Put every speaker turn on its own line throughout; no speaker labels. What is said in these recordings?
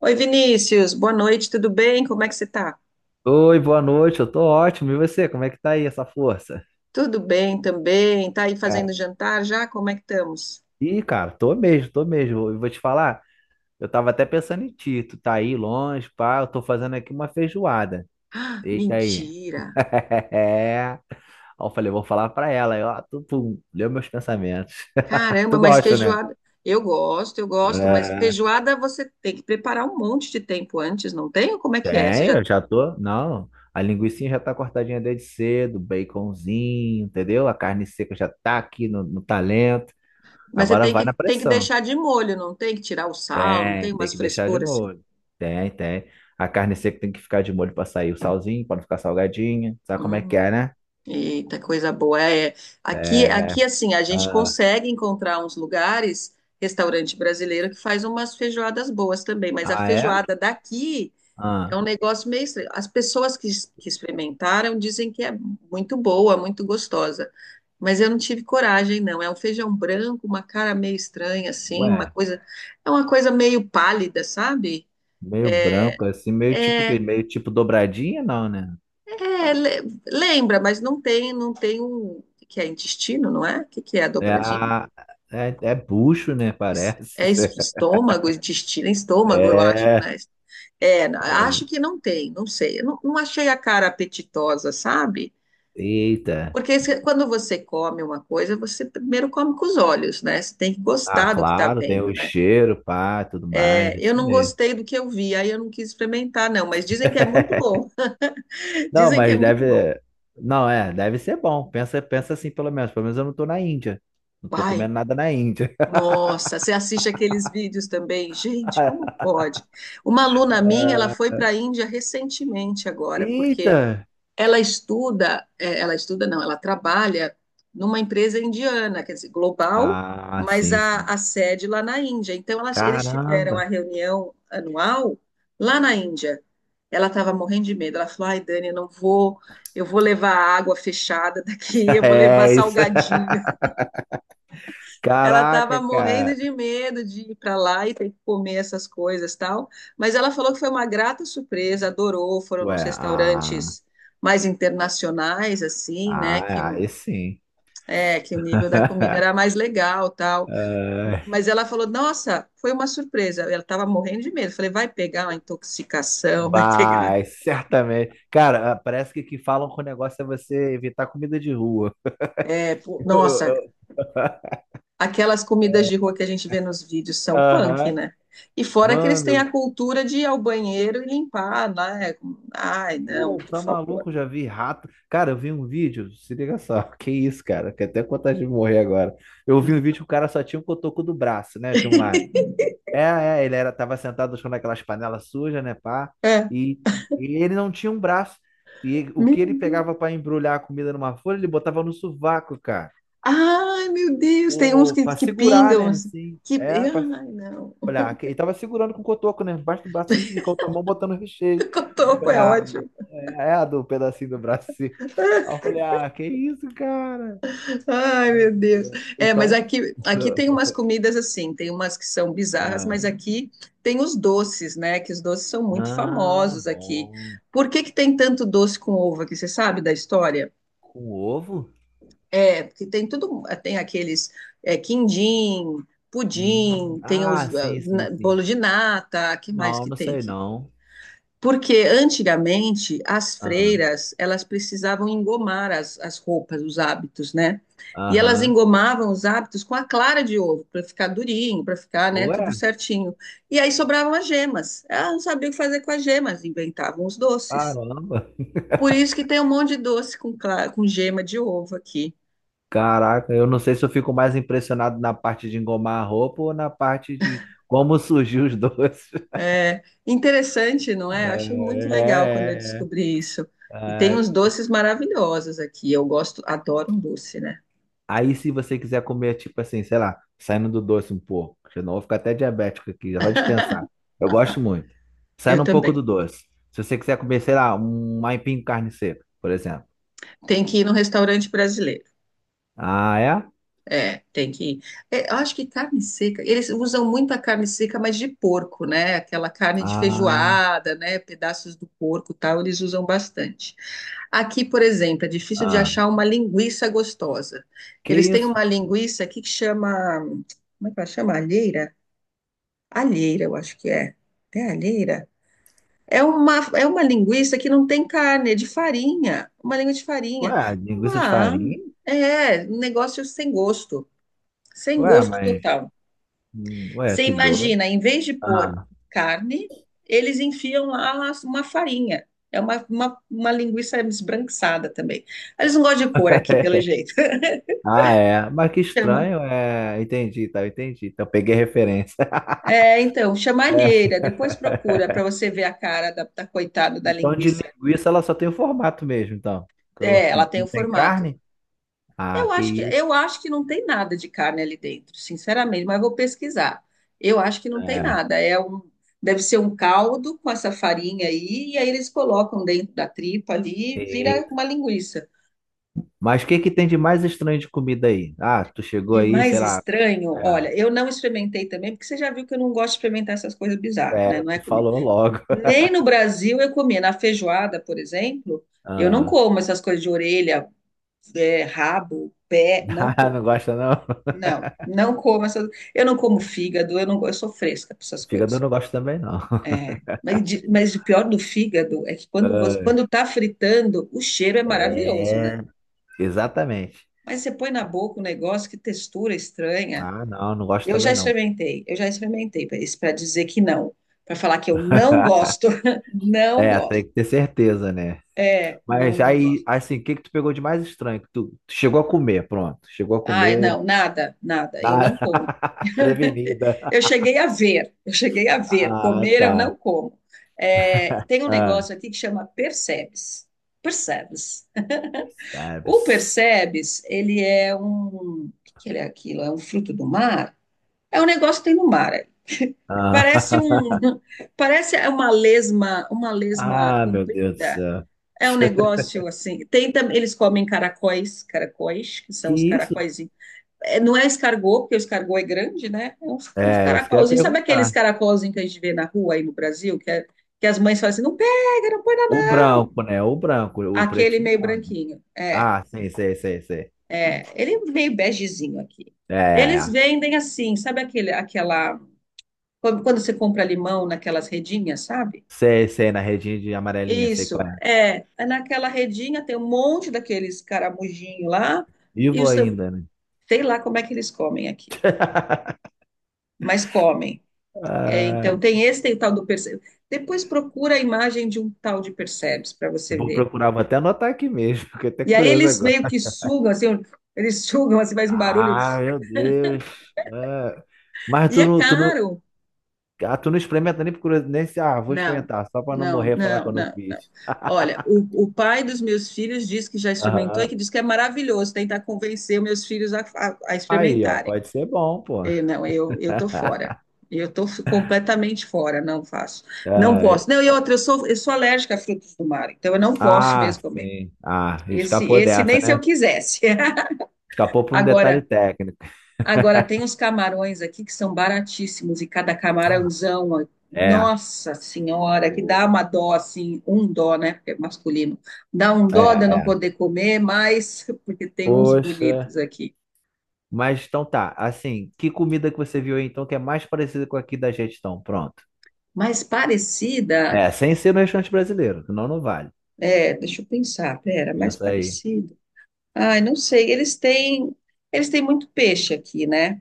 Oi, Vinícius, boa noite, tudo bem? Como é que você tá?
Oi, boa noite, eu tô ótimo. E você, como é que tá aí essa força?
Tudo bem também. Tá aí
Ah,
fazendo jantar já? Como é que estamos?
ih, cara, tô mesmo, tô mesmo. Eu vou te falar, eu tava até pensando em ti, tu tá aí longe, pá, eu tô fazendo aqui uma feijoada.
Ah,
Eita aí.
mentira!
É. Aí eu falei, vou falar pra ela, aí, ó, tu, pum, leu meus pensamentos.
Caramba,
Tu
mas
gosta, né?
feijoada. Eu gosto, mas
É,
feijoada você tem que preparar um monte de tempo antes, não tem? Ou como é que é? Você
tem,
já.
eu já tô. Não, a linguiça já tá cortadinha desde cedo, baconzinho, entendeu? A carne seca já tá aqui no talento.
Mas você
Agora
tem
vai
que,
na
tem que
pressão.
deixar de molho, não tem que tirar o sal, não tem
Tem
umas
que deixar de
frescuras assim.
molho. Tem, tem. A carne seca tem que ficar de molho para sair o salzinho, para não ficar salgadinha. Sabe como é que
Hum.
é, né?
Eita, coisa boa. É, aqui,
É.
aqui, assim, a gente
Ah,
consegue encontrar uns lugares, restaurante brasileiro, que faz umas feijoadas boas também, mas a
ah, é?
feijoada daqui é
Ah,
um negócio meio estranho. As pessoas que experimentaram dizem que é muito boa, muito gostosa, mas eu não tive coragem, não. É um feijão branco, uma cara meio estranha, assim,
ué,
é uma coisa meio pálida, sabe?
meio
é
branco, assim, meio tipo o quê?
é,
Meio tipo dobradinha, não, né?
É, lembra, mas não tem um, o que que é intestino, não é? O que que é a
É,
dobradinha?
é bucho, né?
Es-
Parece.
É es- estômago, intestino, é estômago, eu acho,
É.
né? É, acho que não tem, não sei. Eu não achei a cara apetitosa, sabe?
Eita.
Porque quando você come uma coisa, você primeiro come com os olhos, né? Você tem que
Ah,
gostar do que está
claro, tem
vendo,
o
né?
cheiro, pá, tudo mais,
É,
isso
eu não
mesmo.
gostei do que eu vi, aí eu não quis experimentar, não, mas dizem que é muito bom.
Não,
Dizem que é
mas
muito bom.
deve. Não, é, deve ser bom. Pensa, pensa assim, pelo menos. Pelo menos eu não tô na Índia. Não tô
Ai,
comendo nada na Índia.
nossa, você assiste aqueles vídeos também? Gente, como pode? Uma aluna minha, ela foi para a Índia recentemente agora, porque
Eita!
ela estuda, ela estuda não, ela trabalha numa empresa indiana, quer dizer, global,
Ah,
mas
sim,
a,
sim.
a sede lá na Índia. Então, eles tiveram a
Caramba!
reunião anual lá na Índia. Ela estava morrendo de medo. Ela falou: "Ai, Dani, eu não vou, eu vou levar água fechada daqui, eu vou levar
É isso.
salgadinho." Ela estava
Caraca,
morrendo
cara.
de medo de ir para lá e ter que comer essas coisas tal. Mas ela falou que foi uma grata surpresa, adorou. Foram
Ué,
nos
ah,
restaurantes mais internacionais, assim, né?
ah, é,
Que,
aí sim.
é, que o nível da comida era mais legal tal.
Ah,
Mas ela falou: "Nossa, foi uma surpresa." Ela estava morrendo de medo. Falei: "Vai pegar uma intoxicação, vai pegar."
vai, certamente. Cara, ah, parece que o que falam com o negócio é você evitar comida de rua.
É, pô,
Eu- eu-
nossa.
eu-
Aquelas comidas de rua que a gente vê nos vídeos são punk,
Aham.
né? E fora que eles têm a
Mano,
cultura de ir ao banheiro e limpar, né? Ai, não,
pô,
por
tá
favor.
maluco? Eu já vi rato. Cara, eu vi um vídeo, se liga só, que isso, cara, que até vontade de morrer agora. Eu vi um vídeo que o cara só tinha um cotoco do braço, né, de um lado. É, é, ele era, tava sentado no chão naquelas panelas sujas, né, pá,
É.
e, e ele não tinha um braço. E o
Meu
que ele pegava
Deus.
pra embrulhar a comida numa folha, ele botava no sovaco, cara.
Ai, meu Deus, tem uns
Pô,
que,
pra
que
segurar,
pingam,
né,
assim.
assim. É, pra
Ai, não.
falei, ah, ele tava segurando com o cotoco, né? Embaixo do braço, assim, e com a outra mão botando o recheio. Eu
Cotoco
falei,
é
ah,
ótimo.
é a do pedacinho do braço, assim. Aí eu falei, ah, que isso, cara?
Ai,
Ai,
meu
meu
Deus.
Deus.
É, mas
Então.
aqui, aqui tem umas comidas assim, tem umas que são bizarras,
Ah,
mas aqui tem os doces, né? Que os doces são muito
ah,
famosos aqui.
bom.
Por que que tem tanto doce com uva? Que você sabe da história?
Com ovo?
É, porque tem tudo, tem aqueles quindim, pudim, tem
Ah,
os
sim, sim, sim.
bolo de nata, que mais
Não,
que
não
tem
sei
aqui?
não.
Porque antigamente as
Ah,
freiras elas precisavam engomar as roupas, os hábitos, né? E elas
aham.
engomavam os hábitos com a clara de ovo para ficar durinho, para ficar, né, tudo
Ué,
certinho. E aí sobravam as gemas. Elas não sabiam o que fazer com as gemas, inventavam os doces.
caramba.
Por isso que tem um monte de doce com gema de ovo aqui.
Caraca, eu não sei se eu fico mais impressionado na parte de engomar a roupa ou na parte de como surgiu os doces.
É interessante, não é? Eu achei muito legal quando eu
É, é, é.
descobri isso. E tem uns
Ah,
doces maravilhosos aqui. Eu gosto, adoro um doce, né?
aí se você quiser comer, tipo assim, sei lá, saindo do doce um pouco, senão eu vou ficar até diabético aqui, só de pensar. Eu gosto muito.
Eu
Saindo um pouco
também.
do doce. Se você quiser comer, sei lá, um aipim com carne seca, por exemplo.
Tem que ir no restaurante brasileiro.
Ah, é?
É, tem que ir. É, eu acho que carne seca. Eles usam muito a carne seca, mas de porco, né? Aquela carne de
Ah,
feijoada, né? Pedaços do porco, e tal. Eles usam bastante. Aqui, por exemplo, é difícil de
ah.
achar uma linguiça gostosa.
Que
Eles têm
isso?
uma linguiça aqui que chama, como é que ela chama? Alheira? Alheira, eu acho que é. É alheira? É uma linguiça que não tem carne, é de farinha. Uma língua de
Ué,
farinha.
linguiça de
Ah,
farinha?
é, um negócio sem gosto. Sem
Ué,
gosto
mas.
total.
Ué,
Você
que doido.
imagina, em vez de pôr
Ah,
carne, eles enfiam lá uma farinha. É uma linguiça esbranquiçada também. Eles não gostam de cor aqui, pelo jeito.
ah, é. Mas que
Chama.
estranho, é. Entendi, tá, entendi. Então peguei a referência.
É, então, chama alheira. Depois procura para você ver a cara da coitada da
Então, de
linguiça.
linguiça, ela só tem o formato mesmo, então. Que eu-
É, ela tem o
Não tem
formato.
carne? Ah,
Eu
que
acho que,
isso.
eu acho que não tem nada de carne ali dentro, sinceramente, mas eu vou pesquisar. Eu acho que não tem
É.
nada. Deve ser um caldo com essa farinha aí, e aí eles colocam dentro da tripa ali e vira
Eita.
uma linguiça.
Mas o que que tem de mais estranho de comida aí? Ah, tu chegou
De
aí, sei
mais
lá.
estranho, olha, eu não experimentei também, porque você já viu que eu não gosto de experimentar essas coisas bizarras,
É,
né?
é,
Não é
tu
comigo.
falou logo.
Nem no Brasil eu comia. Na feijoada, por exemplo, eu não
Ah,
como essas coisas de orelha, rabo, pé, não
ah, não
como.
gosta não?
Não, não como essas. Eu não como fígado, eu não, eu sou fresca para essas
Fígado eu
coisas.
não gosto também não.
É, mas, mas o pior do fígado é que quando
Ah,
tá fritando, o cheiro é maravilhoso, né?
é, exatamente.
Mas você põe na boca um negócio que textura estranha.
Ah, não, não gosto também não.
Eu já experimentei para dizer que não, para falar que eu não gosto, não
É,
gosto.
tem que ter certeza, né?
É, não,
Mas
não
aí,
gosto.
assim, o que que tu pegou de mais estranho? Que tu chegou a comer, pronto. Chegou a
Ai,
comer.
não, nada, nada. Eu
Ah,
não como.
prevenida.
Eu cheguei a ver, eu cheguei a ver.
Ah,
Comer
tá.
eu não como. É, tem um
Ah,
negócio aqui que chama Percebes. Percebes. O
sabes.
Percebes, ele é um. O que que ele é aquilo? É um fruto do mar? É um negócio que tem no mar. Parece
Ah,
um. Parece uma lesma
ah, meu Deus do
comprida.
céu.
É um negócio assim. Eles comem caracóis, caracóis, que
Que
são os
isso?
caracóis. Não é escargot, porque o escargot é grande, né? É uns
É, isso que eu ia
caracolzinhos. Sabe aqueles
perguntar.
caracolzinhos que a gente vê na rua aí no Brasil, que as mães falam assim, não pega, não põe na
O
mão.
branco, né? O branco, o
Aquele
pretinho
meio
não, né?
branquinho. É,
Ah, sim, sei, sei, sei.
é, ele é um meio begezinho aqui.
É, é,
Eles
é.
vendem assim, sabe aquele, aquela. Quando você compra limão naquelas redinhas, sabe?
Sei, sei, na redinha de amarelinha, sei qual
Isso,
é.
é. É. Naquela redinha tem um monte daqueles caramujinhos lá, e
Vivo ainda, né?
sei lá como é que eles comem aquilo, mas comem. É,
Ah,
então, tem esse, tem o tal do Perseus. Depois procura a imagem de um tal de Perseus para
eu
você
vou
ver.
procurar, vou até anotar aqui mesmo, fiquei até
E aí
curioso
eles
agora.
meio que sugam, assim, eles sugam, assim, faz um barulho.
Ah, meu Deus. Ah, mas
E é caro.
Tu não experimenta nem por curiosidade, nem, se, ah, vou
Não,
experimentar, só pra não
não,
morrer e falar que
não,
eu não
não, não.
fiz.
Olha, o pai dos meus filhos diz que já experimentou
Aham.
e que diz que é maravilhoso tentar convencer os meus filhos a, a
Aí, ó,
experimentarem.
pode ser bom, pô.
Eu, não, eu tô fora. Eu estou completamente fora, não faço. Não
Ai.
posso. Não, e outra, eu sou, alérgica a frutos do mar, então eu não posso
Ah,
mesmo comer.
sim. Ah,
Esse,
escapou
esse
dessa,
nem se eu
né?
quisesse.
Escapou por um detalhe
Agora,
técnico.
agora tem os camarões aqui que são baratíssimos e cada camarãozão,
É.
nossa senhora, que dá
Pô.
uma dó assim, um dó, né? Porque é masculino. Dá um
É,
dó de eu não
é.
poder comer, mas porque tem uns
Poxa.
bonitos aqui.
Mas então tá, assim, que comida que você viu aí então que é mais parecida com aqui da gente então? Pronto.
Mais parecida,
É, sem ser no restaurante brasileiro, senão não vale.
deixa eu pensar, pera, mais
Pensa aí.
parecido. Ai, não sei, eles têm muito peixe aqui, né?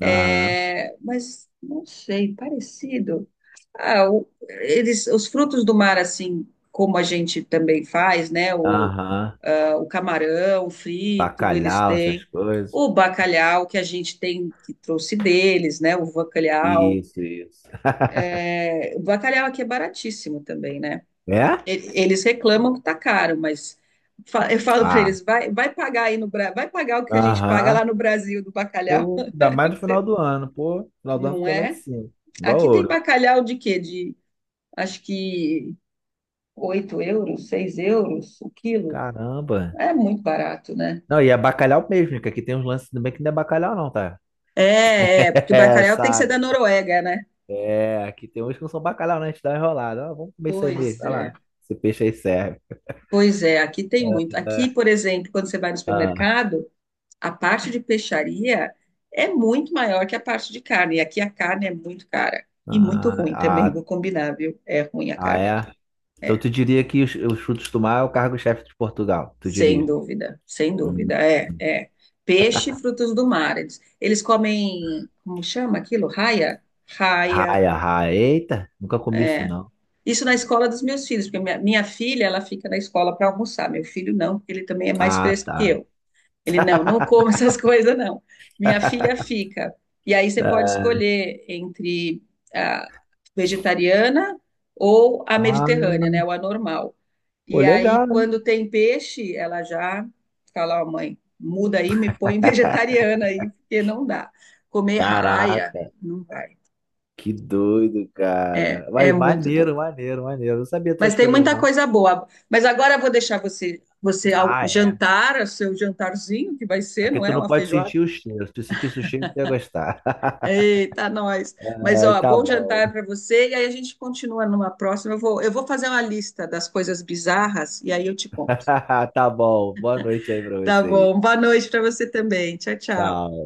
Aham,
É, mas não sei, parecido. Ah, eles, os frutos do mar, assim como a gente também faz, né? O,
aham.
ah, o camarão frito, eles
Bacalhau, essas
têm.
coisas.
O bacalhau que a gente tem, que trouxe deles, né? O bacalhau.
Isso, isso.
É. O bacalhau aqui é baratíssimo também, né?
É?
Eles reclamam que tá caro, mas eu falo para
Ah,
eles, vai pagar aí no Brasil, vai pagar o que a gente paga
aham.
lá no Brasil do bacalhau,
Pô, ainda mais no final do ano, pô. No final do ano
não
fica lá em
é?
cima. Igual
Aqui tem
ouro.
bacalhau de quê? Acho que 8 euros, 6 euros o quilo.
Caramba.
É muito barato, né?
Não, e é bacalhau mesmo, que aqui tem uns lances também que não é bacalhau não, tá?
É, porque
É,
bacalhau tem que ser da
sabe, né?
Noruega, né?
É, aqui tem uns que não são bacalhau, né? A gente dá uma enrolada. Ah, vamos comer isso aí mesmo,
Pois
vai
é,
lá. Esse peixe aí serve.
pois é, aqui tem muito. Aqui, por exemplo, quando você vai no
Ah,
supermercado, a parte de peixaria é muito maior que a parte de carne. E aqui a carne é muito cara e muito
ah,
ruim
ah,
também, vou combinar, viu? É ruim a
ah,
carne
é?
aqui.
Então
É,
tu diria que os frutos do mar é o cargo-chefe de Portugal, tu
sem
diria?
dúvida, sem dúvida.
Hum.
É, é. Peixe e frutos do mar. Eles comem, como chama aquilo? Raia? Raia.
Raia, raia. Eita, nunca comi isso não.
Isso na escola dos meus filhos, porque minha filha, ela fica na escola para almoçar, meu filho não, porque ele também é mais
Ah,
fresco que
tá.
eu. Ele não come essas coisas, não. Minha filha fica. E aí você pode
É.
escolher entre a vegetariana ou a
Ah,
mediterrânea, né, ou a normal.
pô,
E aí,
legal, hein?
quando tem peixe, ela já fala, ó, mãe, muda aí, me põe vegetariana aí, porque não dá. Comer raia,
Caraca,
não vai.
que doido,
É,
cara.
é
Vai,
muito doido.
maneiro, maneiro, maneiro. Eu não sabia
Mas
dessas
tem
coisas,
muita
não.
coisa boa. Mas agora eu vou deixar você ao
Ah, é.
jantar, o seu jantarzinho, que vai ser,
Aqui
não
tu
é?
não
Uma
pode
feijoada.
sentir o cheiro. Se tu sentisse o cheiro, tu ia gostar.
Eita, nós. Mas,
Ai,
ó,
tá
bom
bom.
jantar para você. E aí a gente continua numa próxima. Eu vou fazer uma lista das coisas bizarras e aí eu te conto.
Tá bom. Boa noite aí pra
Tá
vocês.
bom. Boa noite para você também. Tchau, tchau.
Tchau.